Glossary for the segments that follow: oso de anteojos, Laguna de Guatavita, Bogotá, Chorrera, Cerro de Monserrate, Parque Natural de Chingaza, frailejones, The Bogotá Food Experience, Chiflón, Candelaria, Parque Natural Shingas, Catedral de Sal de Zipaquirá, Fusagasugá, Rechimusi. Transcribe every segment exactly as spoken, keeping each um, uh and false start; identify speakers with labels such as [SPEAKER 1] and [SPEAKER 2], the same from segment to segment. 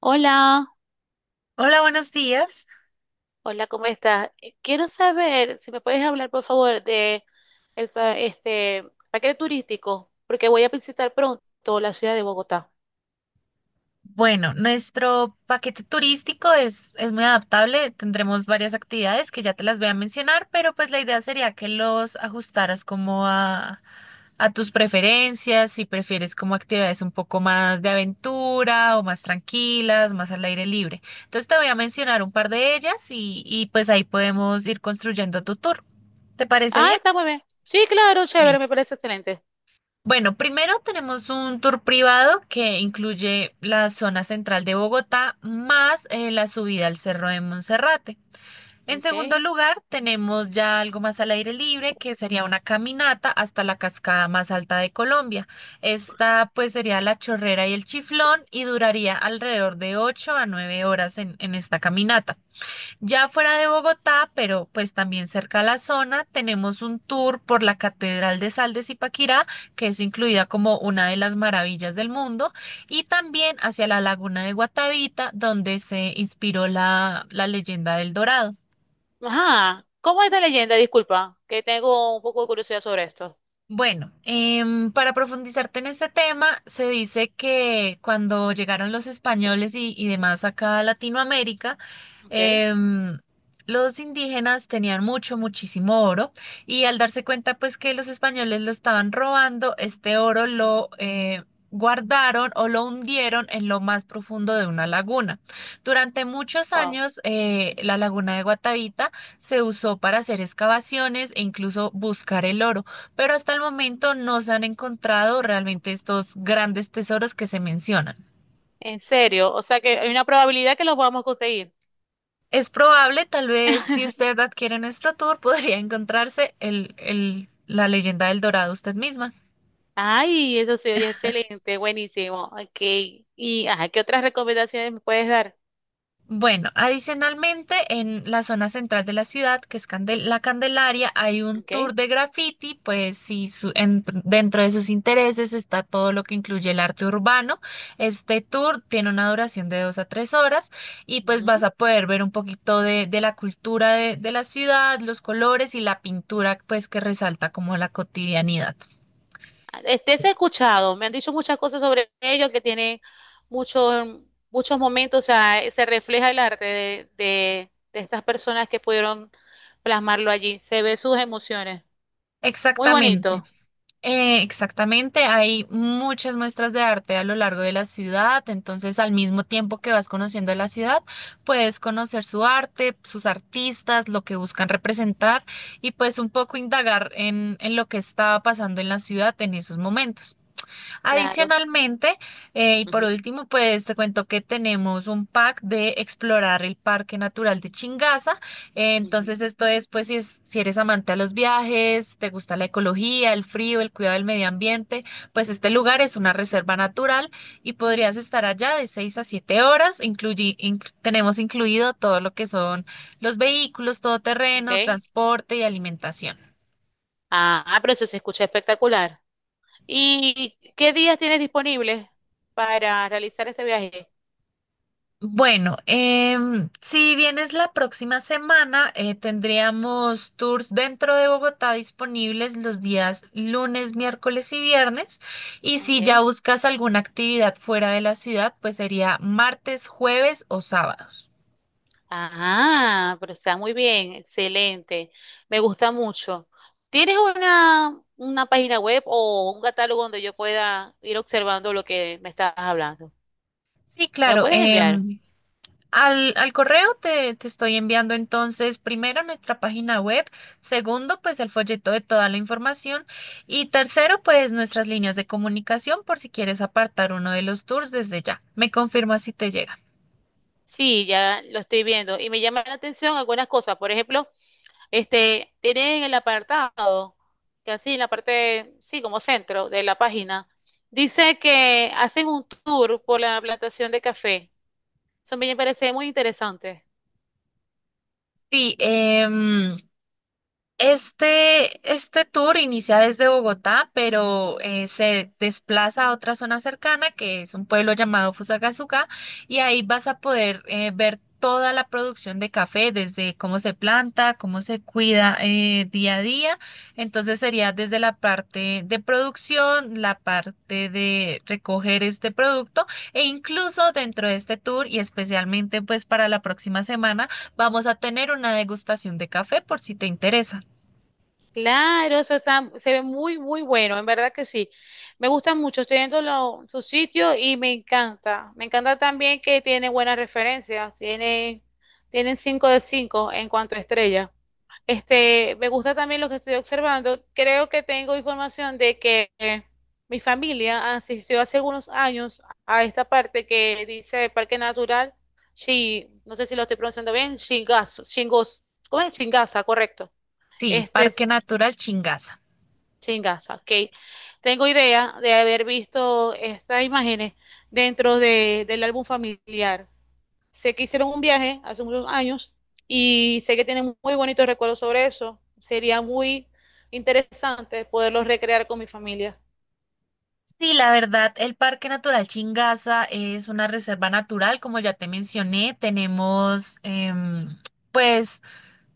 [SPEAKER 1] Hola,
[SPEAKER 2] Hola, buenos días.
[SPEAKER 1] hola, ¿cómo estás? Eh, Quiero saber si me puedes hablar, por favor, de el pa- este paquete turístico, porque voy a visitar pronto la ciudad de Bogotá.
[SPEAKER 2] Bueno, nuestro paquete turístico es, es muy adaptable. Tendremos varias actividades que ya te las voy a mencionar, pero pues la idea sería que los ajustaras como a, a tus preferencias, si prefieres como actividades un poco más de aventura o más tranquilas, más al aire libre. Entonces te voy a mencionar un par de ellas y, y pues ahí podemos ir construyendo tu tour. ¿Te parece
[SPEAKER 1] Ah,
[SPEAKER 2] bien?
[SPEAKER 1] está muy bien. Sí, claro, chévere, me
[SPEAKER 2] Listo.
[SPEAKER 1] parece excelente.
[SPEAKER 2] Bueno, primero tenemos un tour privado que incluye la zona central de Bogotá más eh, la subida al Cerro de Monserrate. En
[SPEAKER 1] Ok.
[SPEAKER 2] segundo lugar, tenemos ya algo más al aire libre, que sería una caminata hasta la cascada más alta de Colombia. Esta pues sería la Chorrera y el Chiflón y duraría alrededor de ocho a nueve horas en en esta caminata. Ya fuera de Bogotá, pero pues también cerca a la zona, tenemos un tour por la Catedral de Sal de Zipaquirá, que es incluida como una de las maravillas del mundo, y también hacia la Laguna de Guatavita, donde se inspiró la, la leyenda del Dorado.
[SPEAKER 1] Ajá, ¿cómo es esta leyenda? Disculpa, que tengo un poco de curiosidad sobre esto.
[SPEAKER 2] Bueno, em, para profundizarte en este tema, se dice que cuando llegaron los españoles y, y demás acá a Latinoamérica,
[SPEAKER 1] Ok,
[SPEAKER 2] em, los indígenas tenían mucho, muchísimo oro y al darse cuenta pues que los españoles lo estaban robando, este oro lo eh, guardaron o lo hundieron en lo más profundo de una laguna. Durante muchos
[SPEAKER 1] wow.
[SPEAKER 2] años, eh, la laguna de Guatavita se usó para hacer excavaciones e incluso buscar el oro, pero hasta el momento no se han encontrado realmente estos grandes tesoros que se mencionan.
[SPEAKER 1] En serio, o sea que hay una probabilidad que los vamos a conseguir.
[SPEAKER 2] Es probable, tal vez, si usted adquiere nuestro tour, podría encontrarse el, el- la leyenda del Dorado usted misma.
[SPEAKER 1] Ay, eso se oye excelente, buenísimo. Ok. Y ajá, ¿qué otras recomendaciones me puedes dar?
[SPEAKER 2] Bueno, adicionalmente, en la zona central de la ciudad, que es Candel- la Candelaria, hay un tour
[SPEAKER 1] Ok.
[SPEAKER 2] de graffiti, pues sí, su- en- dentro de sus intereses está todo lo que incluye el arte urbano. Este tour tiene una duración de dos a tres horas y pues
[SPEAKER 1] Ujú.
[SPEAKER 2] vas a poder ver un poquito de, de la cultura de, de la ciudad, los colores y la pintura, pues que resalta como la cotidianidad.
[SPEAKER 1] Ah, este se ha escuchado, me han dicho muchas cosas sobre ellos que tienen muchos muchos momentos, o sea, eh, se refleja el arte de, de, de estas personas que pudieron plasmarlo allí. Se ve sus emociones. Muy
[SPEAKER 2] Exactamente.
[SPEAKER 1] bonito.
[SPEAKER 2] Eh, exactamente, hay muchas muestras de arte a lo largo de la ciudad, entonces al mismo tiempo que vas conociendo la ciudad, puedes conocer su arte, sus artistas, lo que buscan representar y pues un poco indagar en, en lo que está pasando en la ciudad en esos momentos.
[SPEAKER 1] Claro.
[SPEAKER 2] Adicionalmente, eh, y por
[SPEAKER 1] Ujú,
[SPEAKER 2] último, pues te cuento que tenemos un pack de explorar el Parque Natural de Chingaza. Eh,
[SPEAKER 1] ujú.
[SPEAKER 2] entonces, esto es, pues, si, es- si eres amante a los viajes, te gusta la ecología, el frío, el cuidado del medio ambiente, pues este lugar es una reserva natural y podrías estar allá de seis a siete horas. Incluye, inc- tenemos incluido todo lo que son los vehículos,
[SPEAKER 1] Ok.
[SPEAKER 2] todoterreno, transporte y alimentación.
[SPEAKER 1] Ah, pero eso se escucha espectacular. ¿Y qué días tienes disponibles para realizar este viaje?
[SPEAKER 2] Bueno, em, si vienes la próxima semana, eh, tendríamos tours dentro de Bogotá disponibles los días lunes, miércoles y viernes. Y si ya
[SPEAKER 1] Okay.
[SPEAKER 2] buscas alguna actividad fuera de la ciudad, pues sería martes, jueves o sábados.
[SPEAKER 1] Ah, pero está muy bien, excelente. Me gusta mucho. ¿Tienes una, una página web o un catálogo donde yo pueda ir observando lo que me estás hablando?
[SPEAKER 2] Sí,
[SPEAKER 1] ¿Me lo
[SPEAKER 2] claro.
[SPEAKER 1] puedes
[SPEAKER 2] Eh,
[SPEAKER 1] enviar?
[SPEAKER 2] Al, al correo te, te estoy enviando entonces, primero nuestra página web, segundo, pues el folleto de toda la información y tercero, pues nuestras líneas de comunicación, por si quieres apartar uno de los tours desde ya. Me confirma si te llega.
[SPEAKER 1] Sí, ya lo estoy viendo y me llaman la atención algunas cosas. Por ejemplo, este, tienen el apartado, que así en la parte, sí, como centro de la página, dice que hacen un tour por la plantación de café. Eso me parece muy interesante.
[SPEAKER 2] Sí, em, Este, este tour inicia desde Bogotá, pero eh, se desplaza a otra zona cercana, que es un pueblo llamado Fusagasugá, y ahí vas a poder eh, ver toda la producción de café, desde cómo se planta, cómo se cuida, eh, día a día. Entonces sería desde la parte de producción, la parte de recoger este producto, e incluso dentro de este tour, y especialmente pues para la próxima semana, vamos a tener una degustación de café por si te interesa.
[SPEAKER 1] Claro, eso está, se ve muy, muy bueno, en verdad que sí. Me gusta mucho, estoy viendo lo- su sitio y me encanta. Me encanta también que tiene buenas referencias, tiene, tienen cinco de cinco en cuanto a estrellas. Este, me gusta también lo que estoy observando. Creo que tengo información de que eh, mi familia asistió hace algunos años a esta parte que dice Parque Natural, Shi- no sé si lo estoy pronunciando bien, Shingas, Shingos, ¿cómo es? Shingasa, correcto.
[SPEAKER 2] Sí,
[SPEAKER 1] Este,
[SPEAKER 2] Parque Natural Chingaza.
[SPEAKER 1] sí, en ok. Tengo idea de haber visto estas imágenes dentro de- del álbum familiar. Sé que hicieron un viaje hace muchos años y sé que tienen muy bonitos recuerdos sobre eso. Sería muy interesante poderlos recrear con mi familia.
[SPEAKER 2] Sí, la verdad, el Parque Natural Chingaza es una reserva natural, como ya te mencioné. Tenemos, em, pues,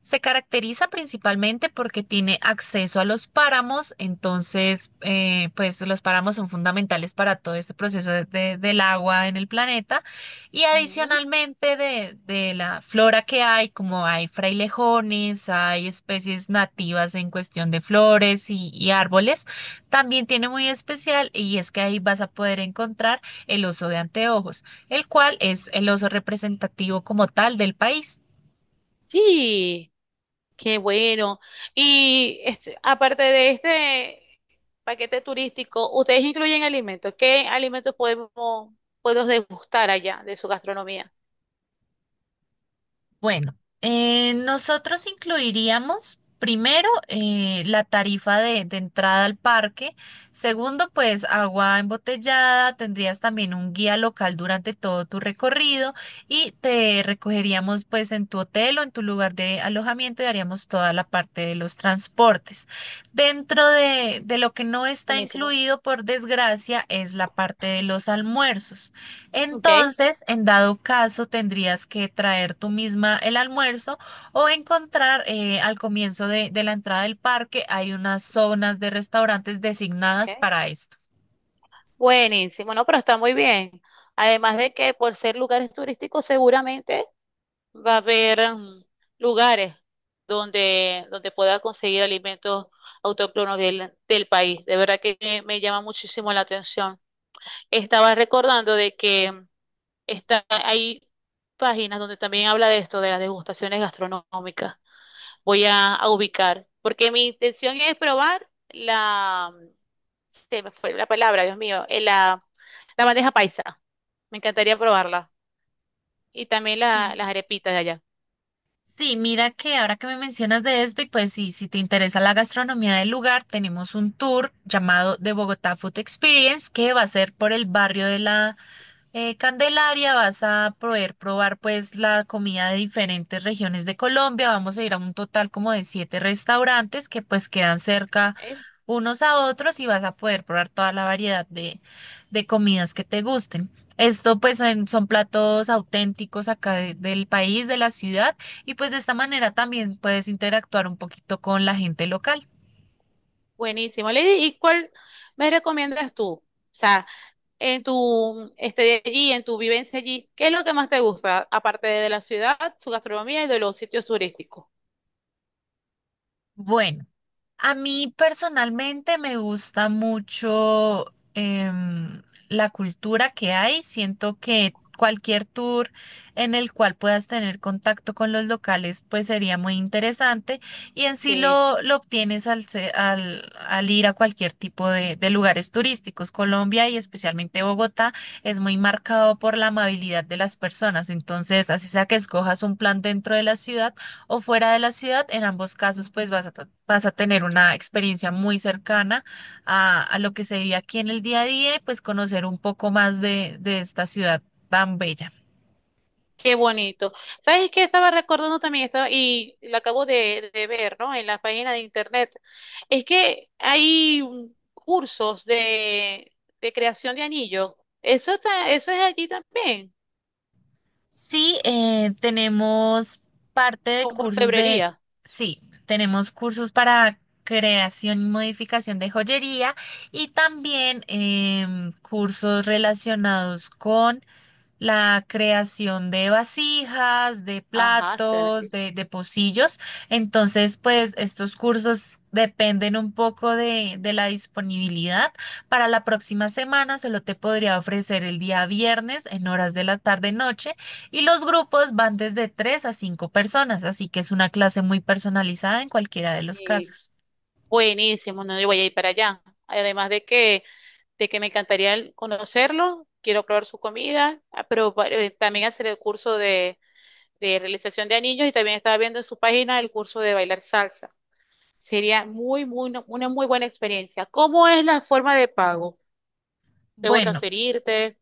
[SPEAKER 2] se caracteriza principalmente porque tiene acceso a los páramos, entonces, eh, pues los páramos son fundamentales para todo este proceso de- de- del agua en el planeta y
[SPEAKER 1] Ujú.
[SPEAKER 2] adicionalmente de, de la flora que hay, como hay frailejones, hay especies nativas en cuestión de flores y, y árboles, también tiene muy especial, y es que ahí vas a poder encontrar el oso de anteojos, el cual es el oso representativo como tal del país.
[SPEAKER 1] Sí, qué bueno. Y este, aparte de este paquete turístico, ¿ustedes incluyen alimentos? ¿Qué alimentos podemos, podemos degustar allá de su gastronomía?
[SPEAKER 2] Bueno, eh, nosotros incluiríamos primero eh, la tarifa de, de entrada al parque, segundo pues agua embotellada, tendrías también un guía local durante todo tu recorrido y te recogeríamos pues en tu hotel o en tu lugar de alojamiento y haríamos toda la parte de los transportes. Dentro de, de lo que no está
[SPEAKER 1] Buenísimo.
[SPEAKER 2] incluido, por desgracia, es la parte de los almuerzos.
[SPEAKER 1] Ok,
[SPEAKER 2] Entonces, en dado caso, tendrías que traer tú misma el almuerzo o encontrar, eh, al comienzo de, de la entrada del parque, hay unas zonas de restaurantes designadas
[SPEAKER 1] ok.
[SPEAKER 2] para esto.
[SPEAKER 1] Buenísimo, no, pero está muy bien. Además de que por ser lugares turísticos, seguramente va a haber mm, lugares donde, donde pueda conseguir alimentos autóctonos del, del país. De verdad que me, me llama muchísimo la atención. Estaba recordando de que mm, está, hay páginas donde también habla de esto, de las degustaciones gastronómicas. Voy a, a ubicar, porque mi intención es probar la, se me fue la palabra, Dios mío, eh, la, la bandeja paisa. Me encantaría probarla. Y también la-
[SPEAKER 2] Sí.
[SPEAKER 1] las arepitas de allá.
[SPEAKER 2] Sí, mira que ahora que me mencionas de esto, y pues sí, si te interesa la gastronomía del lugar, tenemos un tour llamado The Bogotá Food Experience que va a ser por el barrio de la Eh, Candelaria, vas a poder probar pues la comida de diferentes regiones de Colombia. Vamos a ir a un total como de siete restaurantes que pues quedan cerca
[SPEAKER 1] Eh,
[SPEAKER 2] unos a otros, y vas a poder probar toda la variedad de, de comidas que te gusten. Esto pues en- son platos auténticos acá de- del país, de la ciudad, y pues de esta manera también puedes interactuar un poquito con la gente local.
[SPEAKER 1] Buenísimo. Lady, ¿y cuál me recomiendas tú? O sea, en tu, este de allí, en tu vivencia allí, ¿qué es lo que más te gusta, aparte de la ciudad, su gastronomía y de los sitios turísticos?
[SPEAKER 2] Bueno, a mí personalmente me gusta mucho, em, la cultura que hay. Siento que cualquier tour en el cual puedas tener contacto con los locales pues sería muy interesante, y en sí
[SPEAKER 1] Sí.
[SPEAKER 2] lo, lo obtienes al, se- al, al ir a cualquier tipo de, de lugares turísticos. Colombia y especialmente Bogotá es muy marcado por la amabilidad de las personas. Entonces, así sea que escojas un plan dentro de la ciudad o fuera de la ciudad, en ambos casos pues vas a, ta- vas a tener una experiencia muy cercana a, a lo que se vive aquí en el día a día y pues conocer un poco más de, de esta ciudad tan bella.
[SPEAKER 1] Qué bonito. ¿Sabes qué? Estaba recordando también, estaba, y lo acabo de, de ver, ¿no? En la página de internet. Es que hay mm, cursos de, de creación de anillos. Eso está, eso es allí también,
[SPEAKER 2] Sí, eh, tenemos parte de
[SPEAKER 1] con
[SPEAKER 2] cursos de,
[SPEAKER 1] orfebrería.
[SPEAKER 2] sí, tenemos cursos para creación y modificación de joyería y también em, cursos relacionados con la creación de vasijas, de
[SPEAKER 1] Ajá, se ven
[SPEAKER 2] platos,
[SPEAKER 1] aquí.
[SPEAKER 2] de, de pocillos. Entonces, pues estos cursos dependen un poco de, de la disponibilidad. Para la próxima semana solo te podría ofrecer el día viernes en horas de la tarde-noche, y los grupos van desde tres a cinco personas, así que es una clase muy personalizada en cualquiera de los
[SPEAKER 1] Y
[SPEAKER 2] casos.
[SPEAKER 1] buenísimo, no, yo voy a ir para allá. Además de que, de que me encantaría el- conocerlo, quiero probar su comida, ah, pero pa- eh, también hacer el curso de, de realización de anillos y también estaba viendo en su página el curso de bailar salsa. Sería muy, muy, no- una muy buena experiencia. ¿Cómo es la forma de pago? ¿Debo
[SPEAKER 2] Bueno.
[SPEAKER 1] transferirte?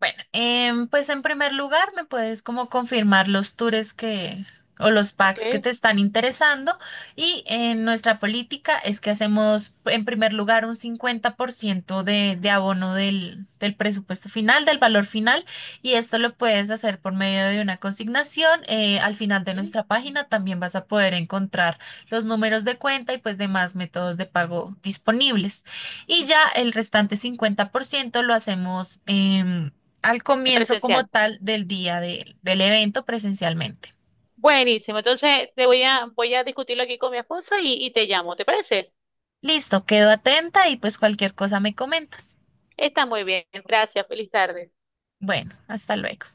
[SPEAKER 2] Bueno, em, pues en primer lugar me puedes como confirmar los tours que o los packs que
[SPEAKER 1] ¿Ok?
[SPEAKER 2] te están interesando, y en nuestra política es que hacemos en primer lugar un cincuenta por ciento de, de abono del, del presupuesto final, del valor final, y esto lo puedes hacer por medio de una consignación. Eh, al final de
[SPEAKER 1] Ujú.
[SPEAKER 2] nuestra página también vas a poder encontrar los números de cuenta y pues demás métodos de pago disponibles. Y ya el restante cincuenta por ciento lo hacemos, Eh, al
[SPEAKER 1] En
[SPEAKER 2] comienzo como
[SPEAKER 1] presencial.
[SPEAKER 2] tal del día de- del evento, presencialmente.
[SPEAKER 1] Buenísimo. Entonces te voy a, voy a discutirlo aquí con mi esposa y, y te llamo. ¿Te parece?
[SPEAKER 2] Listo, quedo atenta y pues cualquier cosa me comentas.
[SPEAKER 1] Está muy bien. Gracias. Feliz tarde.
[SPEAKER 2] Bueno, hasta luego.